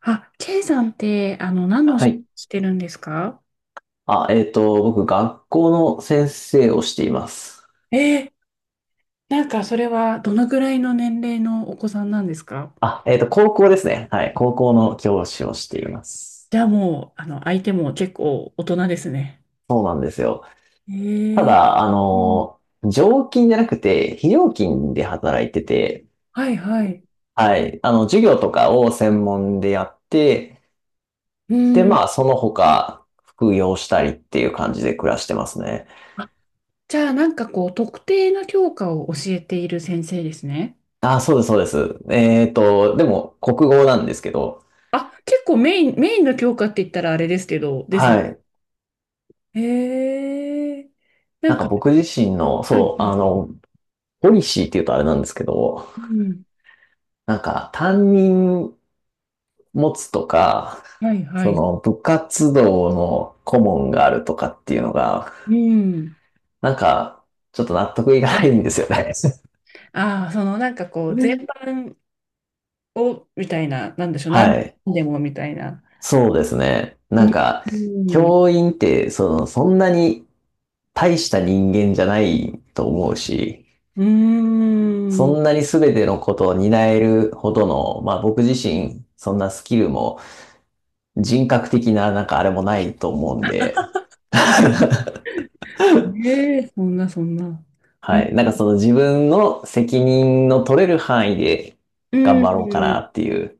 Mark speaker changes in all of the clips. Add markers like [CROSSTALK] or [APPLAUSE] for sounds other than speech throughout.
Speaker 1: あ、K さんって、何のお
Speaker 2: は
Speaker 1: 仕事
Speaker 2: い。
Speaker 1: してるんですか？
Speaker 2: 僕、学校の先生をしています。
Speaker 1: えー、なんかそれはどのぐらいの年齢のお子さんなんですか？
Speaker 2: 高校ですね。はい。高校の教師をしています。
Speaker 1: じゃあもう、相手も結構大人ですね。
Speaker 2: そうなんですよ。
Speaker 1: え
Speaker 2: た
Speaker 1: ー、
Speaker 2: だ、
Speaker 1: うん、
Speaker 2: 常勤じゃなくて、非常勤で働いてて、
Speaker 1: はいはい。
Speaker 2: はい。授業とかを専門でやって、
Speaker 1: う
Speaker 2: で、
Speaker 1: ん。
Speaker 2: まあ、その他、副業したりっていう感じで暮らしてますね。
Speaker 1: あ、じゃあなんかこう、特定の教科を教えている先生ですね。
Speaker 2: あ、そうです、そうです。でも、国語なんですけど、
Speaker 1: あ、結構メインの教科って言ったらあれですけど、ですね。
Speaker 2: はい。
Speaker 1: へえ、な
Speaker 2: な
Speaker 1: ん
Speaker 2: んか
Speaker 1: か、
Speaker 2: 僕自身の、
Speaker 1: はいは
Speaker 2: そう、
Speaker 1: い。
Speaker 2: ポリシーっていうとあれなんですけど、
Speaker 1: うん、
Speaker 2: なんか担任持つとか、
Speaker 1: はいは
Speaker 2: そ
Speaker 1: い。
Speaker 2: の部活動の顧問があるとかっていうのが、
Speaker 1: うん。
Speaker 2: なんかちょっと納得いかないんですよね。
Speaker 1: ああ、そのなんかこう、全
Speaker 2: [LAUGHS]
Speaker 1: 般を、みたいな、なんでしょう、何
Speaker 2: はい。
Speaker 1: でもみたいな。
Speaker 2: そうですね。
Speaker 1: う
Speaker 2: なん
Speaker 1: ん。
Speaker 2: か、
Speaker 1: うん。
Speaker 2: 教員ってその、そんなに大した人間じゃないと思うし、
Speaker 1: うー
Speaker 2: そ
Speaker 1: ん。
Speaker 2: んなに全てのことを担えるほどの、まあ僕自身、そんなスキルも人格的ななんかあれもないと思うんで、
Speaker 1: ねえ、そんな、そんな。う
Speaker 2: は
Speaker 1: ん。
Speaker 2: い。なんかその自分の責任の取れる範囲で
Speaker 1: う
Speaker 2: 頑張ろうか
Speaker 1: ん。
Speaker 2: なっていう。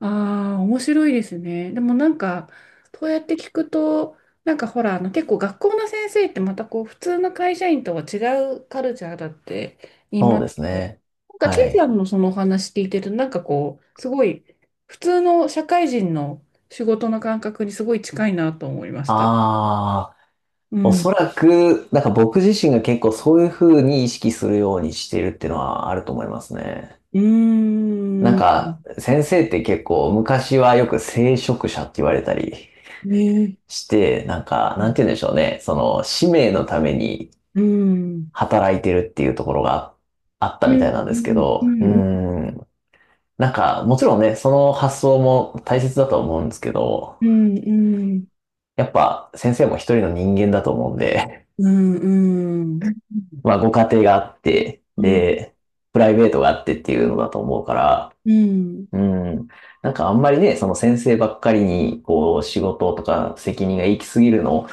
Speaker 1: ああ、面白いですね。でもなんか、そうやって聞くと、なんかほら、あの結構学校の先生ってまたこう、普通の会社員とは違うカルチャーだって言い
Speaker 2: そ
Speaker 1: ま
Speaker 2: う
Speaker 1: す
Speaker 2: です
Speaker 1: けど、
Speaker 2: ね。
Speaker 1: なんか、ケ
Speaker 2: は
Speaker 1: イさ
Speaker 2: い。
Speaker 1: んのそのお話聞いてると、なんかこう、すごい、普通の社会人の仕事の感覚にすごい近いなと思いました。
Speaker 2: ああ、
Speaker 1: う
Speaker 2: お
Speaker 1: ん。う
Speaker 2: そらく、なんか僕自身が結構そういうふうに意識するようにしてるっていうのはあると思いますね。なん
Speaker 1: ーん。
Speaker 2: か先生って結構昔はよく聖職者って言われたり
Speaker 1: ねえ。
Speaker 2: して、なんか、なんて言うんでしょうね。その使命のために
Speaker 1: うん。
Speaker 2: 働いてるっていうところがあっ
Speaker 1: う
Speaker 2: たみた
Speaker 1: ん。
Speaker 2: いなんですけ
Speaker 1: う
Speaker 2: ど、
Speaker 1: ん。
Speaker 2: うー
Speaker 1: うん。
Speaker 2: ん。なんか、もちろんね、その発想も大切だと思うんですけど、
Speaker 1: うん。
Speaker 2: やっぱ先生も一人の人間だと思うんで、
Speaker 1: うん。うん。うん。うん。
Speaker 2: [LAUGHS] まあご家庭があって、
Speaker 1: うん。
Speaker 2: で、プライベートがあってっていうのだと思うから、
Speaker 1: うん、
Speaker 2: うん。なんかあんまりね、その先生ばっかりに、こう、仕事とか責任が行き過ぎるの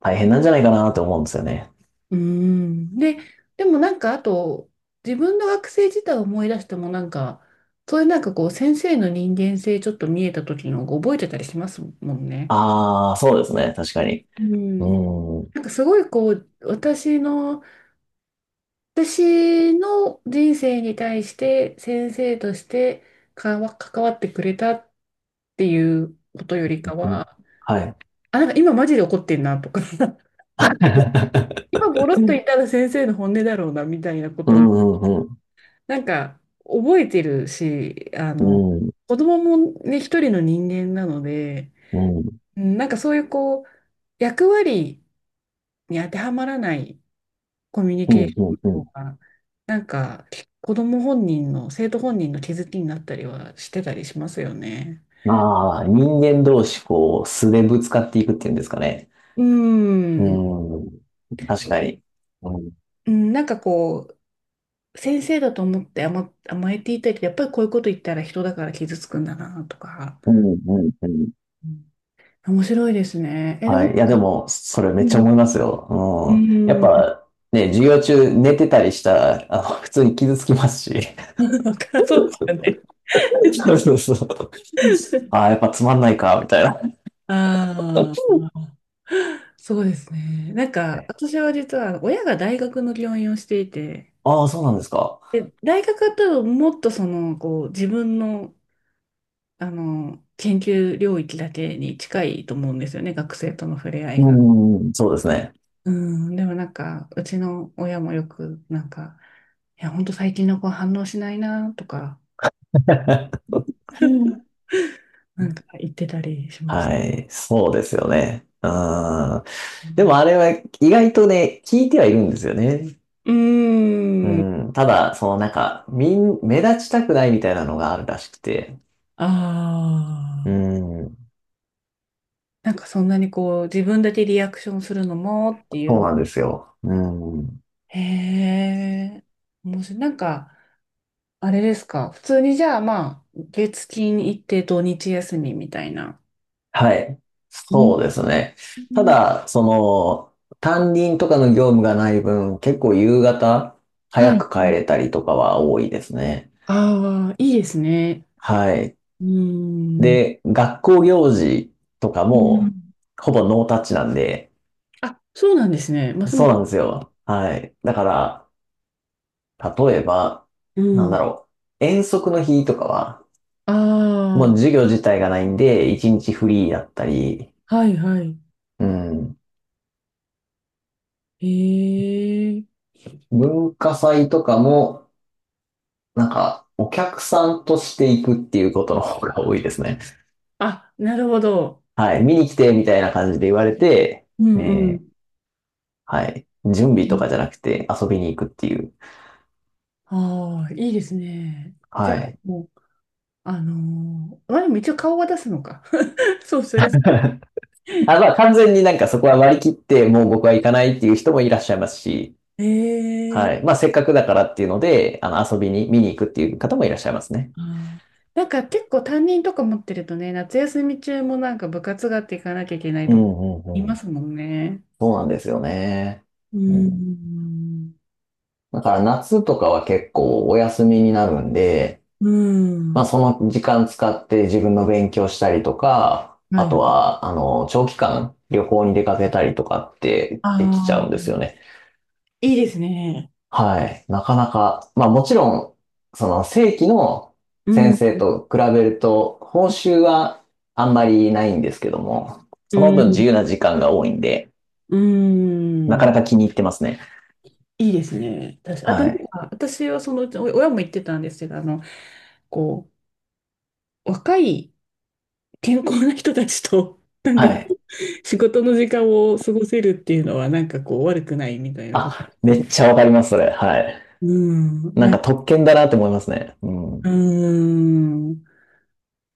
Speaker 2: 大変なんじゃないかなと思うんですよね。
Speaker 1: うん。で、でもなんかあと、自分の学生時代を思い出してもなんか、そういうなんかこう、先生の人間性ちょっと見えた時の覚えてたりしますもんね。
Speaker 2: ああ、そうですね。確かに。
Speaker 1: う
Speaker 2: う
Speaker 1: ん。
Speaker 2: ん。う
Speaker 1: なんかすごいこう、私の人生に対して先生として関わってくれたっていうことよりか
Speaker 2: ん。
Speaker 1: は、
Speaker 2: はい。
Speaker 1: あ、なんか今マジで怒ってんなとか、[LAUGHS]
Speaker 2: [LAUGHS]
Speaker 1: 今ボロッと言ったら先生の本音だろうなみたいなこ
Speaker 2: う
Speaker 1: と
Speaker 2: ん、うん、うん。
Speaker 1: なんか、覚えてるし、
Speaker 2: うん、
Speaker 1: 子供もね、一人の人間なので、
Speaker 2: うん、
Speaker 1: うん、なんかそういうこう、役割に当てはまらないコミュニ
Speaker 2: う
Speaker 1: ケー
Speaker 2: ん、
Speaker 1: シ
Speaker 2: う
Speaker 1: ョ
Speaker 2: ん、
Speaker 1: ン
Speaker 2: うん。
Speaker 1: の方が、なんか、子供本人の、生徒本人の気づきになったりはしてたりしますよね。
Speaker 2: ああ、人間同士、こう、素でぶつかっていくっていうんですかね。
Speaker 1: う
Speaker 2: う
Speaker 1: ん、う
Speaker 2: ん。確かに。うん。
Speaker 1: ん、なんかこう、先生だと思って甘えていたり、やっぱりこういうこと言ったら人だから傷つくんだなとか、
Speaker 2: うん、うん、うん。
Speaker 1: うん。面白いですね。え、でも、
Speaker 2: はい。いや、でも、それめ
Speaker 1: う
Speaker 2: っちゃ
Speaker 1: ん、
Speaker 2: 思います
Speaker 1: う
Speaker 2: よ。うん。やっ
Speaker 1: ん。
Speaker 2: ぱ、ね、授業中寝てたりしたら、普通に傷つきますし。
Speaker 1: [LAUGHS] わかんそうですよね。
Speaker 2: [LAUGHS] そうそうそう。[LAUGHS] あ
Speaker 1: [LAUGHS]
Speaker 2: あ、やっぱつまんないか、みたいな。
Speaker 1: あ
Speaker 2: [LAUGHS]
Speaker 1: あ、そうですね。なんか、私は実は親が大学の教員をしていて、
Speaker 2: ああ、そうなんですか。
Speaker 1: で、大学だともっとその、こう、自分の、研究領域だけに近いと思うんですよね、学生との触れ合
Speaker 2: う
Speaker 1: い
Speaker 2: ん、う
Speaker 1: が。
Speaker 2: ん、うん。そうですね。
Speaker 1: うん、でもなんか、うちの親もよく、なんか、いや、ほんと最近の子反応しないな、とか、
Speaker 2: [LAUGHS]
Speaker 1: [LAUGHS] なんか言ってたりしました。
Speaker 2: はい、そうですよね。うん。
Speaker 1: う
Speaker 2: でも
Speaker 1: ん。
Speaker 2: あれは意外とね、聞いてはいるんですよね。
Speaker 1: う
Speaker 2: う
Speaker 1: ーん。
Speaker 2: ん。ただ、そのなんか、目立ちたくないみたいなのがあるらしくて。
Speaker 1: あ
Speaker 2: う
Speaker 1: あ。
Speaker 2: ん。
Speaker 1: なんかそんなにこう、自分だけリアクションするのもってい
Speaker 2: そう
Speaker 1: う。
Speaker 2: なんですよ。うん。
Speaker 1: へえ、面白い。なんか、あれですか。普通にじゃあまあ、月金行って土日休みみたいな。
Speaker 2: はい。
Speaker 1: うん
Speaker 2: そうですね。
Speaker 1: う
Speaker 2: た
Speaker 1: ん、
Speaker 2: だ、その、担任とかの業務がない分、結構夕方
Speaker 1: は
Speaker 2: 早
Speaker 1: い。
Speaker 2: く帰れたりとかは多いですね。
Speaker 1: ああ、いいですね。
Speaker 2: はい。
Speaker 1: うーん。
Speaker 2: で、学校行事とか
Speaker 1: うん、
Speaker 2: も、ほぼノータッチなんで、
Speaker 1: あ、そうなんですね。ます
Speaker 2: そ
Speaker 1: ま
Speaker 2: う
Speaker 1: す。
Speaker 2: なんですよ。はい。だから、例えば、
Speaker 1: う
Speaker 2: なん
Speaker 1: ん。
Speaker 2: だろう。遠足の日とかは、もう
Speaker 1: あ
Speaker 2: 授業自体がないんで、一日フリーだったり、
Speaker 1: あ、はいはい。
Speaker 2: うん。
Speaker 1: へえ。
Speaker 2: 文化祭とかも、なんか、お客さんとして行くっていうことの方が多いですね。
Speaker 1: あ、なるほど。
Speaker 2: はい。見に来て、みたいな感じで言われて、
Speaker 1: うんう
Speaker 2: え
Speaker 1: ん。
Speaker 2: ーはい。準備とかじゃなくて遊びに行くっていう。
Speaker 1: ああ、いいですね。じゃあ、
Speaker 2: はい。
Speaker 1: もう、まあ、でも一応顔は出すのか。[LAUGHS] そう、そりゃそ
Speaker 2: あ、まあ完全になんかそこは割り切って、もう僕は行かないっていう人もいらっしゃいますし、
Speaker 1: う。
Speaker 2: はい。
Speaker 1: ええ、
Speaker 2: まあ、せっかくだからっていうので、遊びに、見に行くっていう方もいらっしゃいますね。
Speaker 1: あーなんか結構担任とか持ってるとね、夏休み中もなんか部活があって行かなきゃいけない
Speaker 2: うん、
Speaker 1: とか
Speaker 2: う
Speaker 1: い
Speaker 2: ん、う
Speaker 1: ま
Speaker 2: ん。
Speaker 1: すもんね。
Speaker 2: そうなんですよね。
Speaker 1: う
Speaker 2: うん。
Speaker 1: ん。
Speaker 2: だから夏とかは結構お休みになるんで、
Speaker 1: う
Speaker 2: まあ
Speaker 1: ん。
Speaker 2: その時間使って自分の勉強したりとか、
Speaker 1: は
Speaker 2: あと
Speaker 1: い。
Speaker 2: は、長期間旅行に出かけたりとかってできちゃ
Speaker 1: あ
Speaker 2: うんで
Speaker 1: あ、
Speaker 2: すよね。
Speaker 1: いいですね。
Speaker 2: はい。なかなか、まあもちろん、その正規の
Speaker 1: う
Speaker 2: 先
Speaker 1: ん。
Speaker 2: 生と比べると、報酬はあんまりないんですけども、
Speaker 1: う
Speaker 2: その分自
Speaker 1: ん。
Speaker 2: 由な時間が多いんで、
Speaker 1: う
Speaker 2: なか
Speaker 1: ん。
Speaker 2: なか気に入ってますね。
Speaker 1: いいですね。確かあとなん
Speaker 2: はい。
Speaker 1: か、私はそのうち、お親も言ってたんですけど、こう、若い、健康な人たちと、[LAUGHS] なん
Speaker 2: は
Speaker 1: かこ
Speaker 2: い。
Speaker 1: う、仕事の時間を過ごせるっていうのは、なんかこう、悪くないみたいなこと、
Speaker 2: あ、
Speaker 1: す
Speaker 2: め
Speaker 1: ご
Speaker 2: っ
Speaker 1: い。
Speaker 2: ちゃわかります、それ。はい。
Speaker 1: うん、
Speaker 2: なん
Speaker 1: なん
Speaker 2: か
Speaker 1: か、
Speaker 2: 特権だなって思いますね。うん。
Speaker 1: うーん、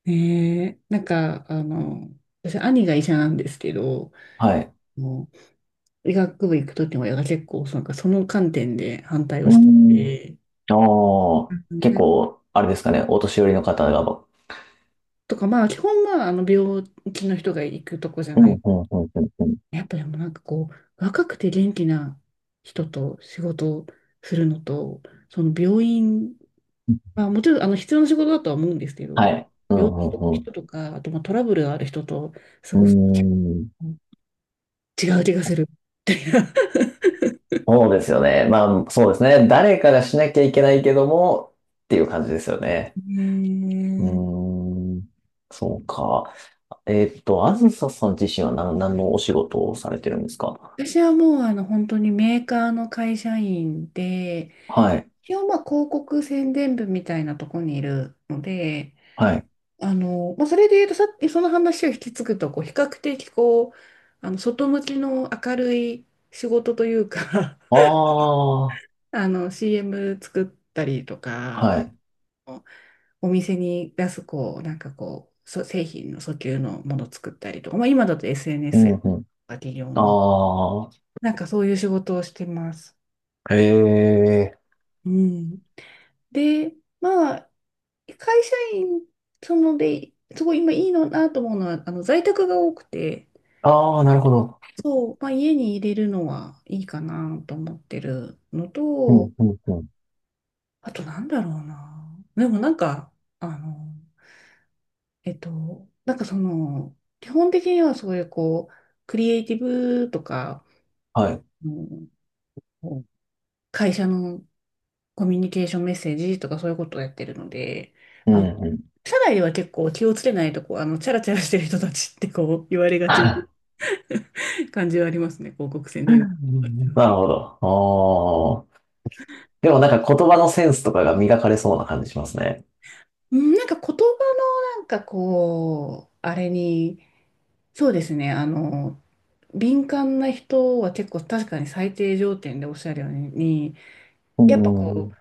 Speaker 1: ねえ、なんか、私、兄が医者なんですけど、
Speaker 2: はい。
Speaker 1: もう医学部行くときも、親が結構、なんかその観点で反対
Speaker 2: う
Speaker 1: を
Speaker 2: ー
Speaker 1: して
Speaker 2: ん。
Speaker 1: て、
Speaker 2: あ
Speaker 1: う
Speaker 2: あ、
Speaker 1: ん、
Speaker 2: 結
Speaker 1: なんか
Speaker 2: 構、あれですかね、お年寄りの方が、
Speaker 1: とか、まあ、基本、まあ、病気の人が行くとこじゃ
Speaker 2: うん、う
Speaker 1: ない、
Speaker 2: ん、うん、うん、う
Speaker 1: やっぱでもなんかこう、若くて元気な人と仕事をするのと、その病院、
Speaker 2: ん。
Speaker 1: まあもちろんあの必要な仕事だとは思うんですけ
Speaker 2: は
Speaker 1: ど、
Speaker 2: い。う
Speaker 1: 病
Speaker 2: ん、
Speaker 1: 気の
Speaker 2: うん、
Speaker 1: 人とか、あとまあトラブルがある人と過
Speaker 2: う
Speaker 1: ごす
Speaker 2: ん。うーん。
Speaker 1: 違う気がする。
Speaker 2: そうですよね。まあ、そうですね。誰かがしなきゃいけないけども、っていう感じですよね。う
Speaker 1: ね
Speaker 2: ーん。そうか。あずささん自身は何のお仕事をされてるんですか？
Speaker 1: え、私はもうあの本当にメーカーの会社員で、
Speaker 2: はい。
Speaker 1: 一応まあ広告宣伝部みたいなとこにいるので、
Speaker 2: はい。
Speaker 1: まあ、それで言うとさ、その話を引き継ぐと、こう、比較的こう、外向きの明るい仕事というか、
Speaker 2: ああ、
Speaker 1: [LAUGHS] CM 作ったりとか、
Speaker 2: はい。
Speaker 1: お店に出す、こう、なんかこう、製品の訴求のもの作ったりとか、まあ、今だと
Speaker 2: う
Speaker 1: SNS や、
Speaker 2: ん、うん。あ
Speaker 1: なんかそういう仕事をしてます。
Speaker 2: あ、ええ。
Speaker 1: うん。で、まあ、会社員、そので、すごい今いいのなと思うのは、在宅が多くて、
Speaker 2: ああ、なるほど。
Speaker 1: そう、まあ、家に入れるのはいいかなと思ってるの
Speaker 2: う
Speaker 1: と、
Speaker 2: ん、うん、うん。
Speaker 1: あとなんだろうな。でもなんか、あの、えっと、なんかその、基本的にはそういうこう、クリエイティブとか、
Speaker 2: はい。
Speaker 1: うん、こう、会社のコミュニケーションメッセージとかそういうことをやってるので、
Speaker 2: うん、
Speaker 1: あの、
Speaker 2: うん。
Speaker 1: 社内では結構気をつけないとこう、チャラチャラしてる人たちってこう、言われがちな
Speaker 2: [LAUGHS]
Speaker 1: 感じはありますね、広告宣伝部。
Speaker 2: なるほど。ああ。でもなんか言葉のセンスとかが磨かれそうな感じしますね。
Speaker 1: うん、なんか言葉のなんかこう、あれに、そうですね、敏感な人は結構確かに最低条件でおっしゃるように、
Speaker 2: う
Speaker 1: やっぱこ
Speaker 2: ん。
Speaker 1: う、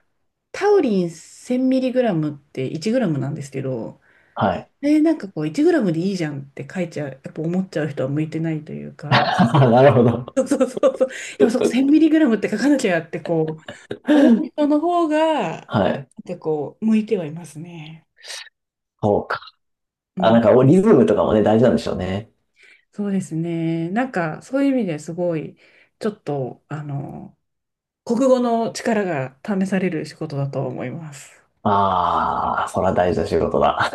Speaker 1: タウリン 1000mg って1グラムなんですけど、
Speaker 2: はい。
Speaker 1: で、なんかこう、1グラムでいいじゃんって書いちゃう、やっぱ思っちゃう人は向いてないというか、
Speaker 2: あ、なるほど。
Speaker 1: そうそうそうそう、やっぱそう、 1000mg って書かなきゃってこう、思う
Speaker 2: [LAUGHS]
Speaker 1: 人の方が、な
Speaker 2: はい。
Speaker 1: んかこう、向いてはいますね。
Speaker 2: そうか。あ、なんかリズムとかもね、大事なんでしょうね。
Speaker 1: そうですね。なんか、そういう意味ですごい、ちょっと、国語の力が試される仕事だと思います。
Speaker 2: ああ、それは大事な仕事だ。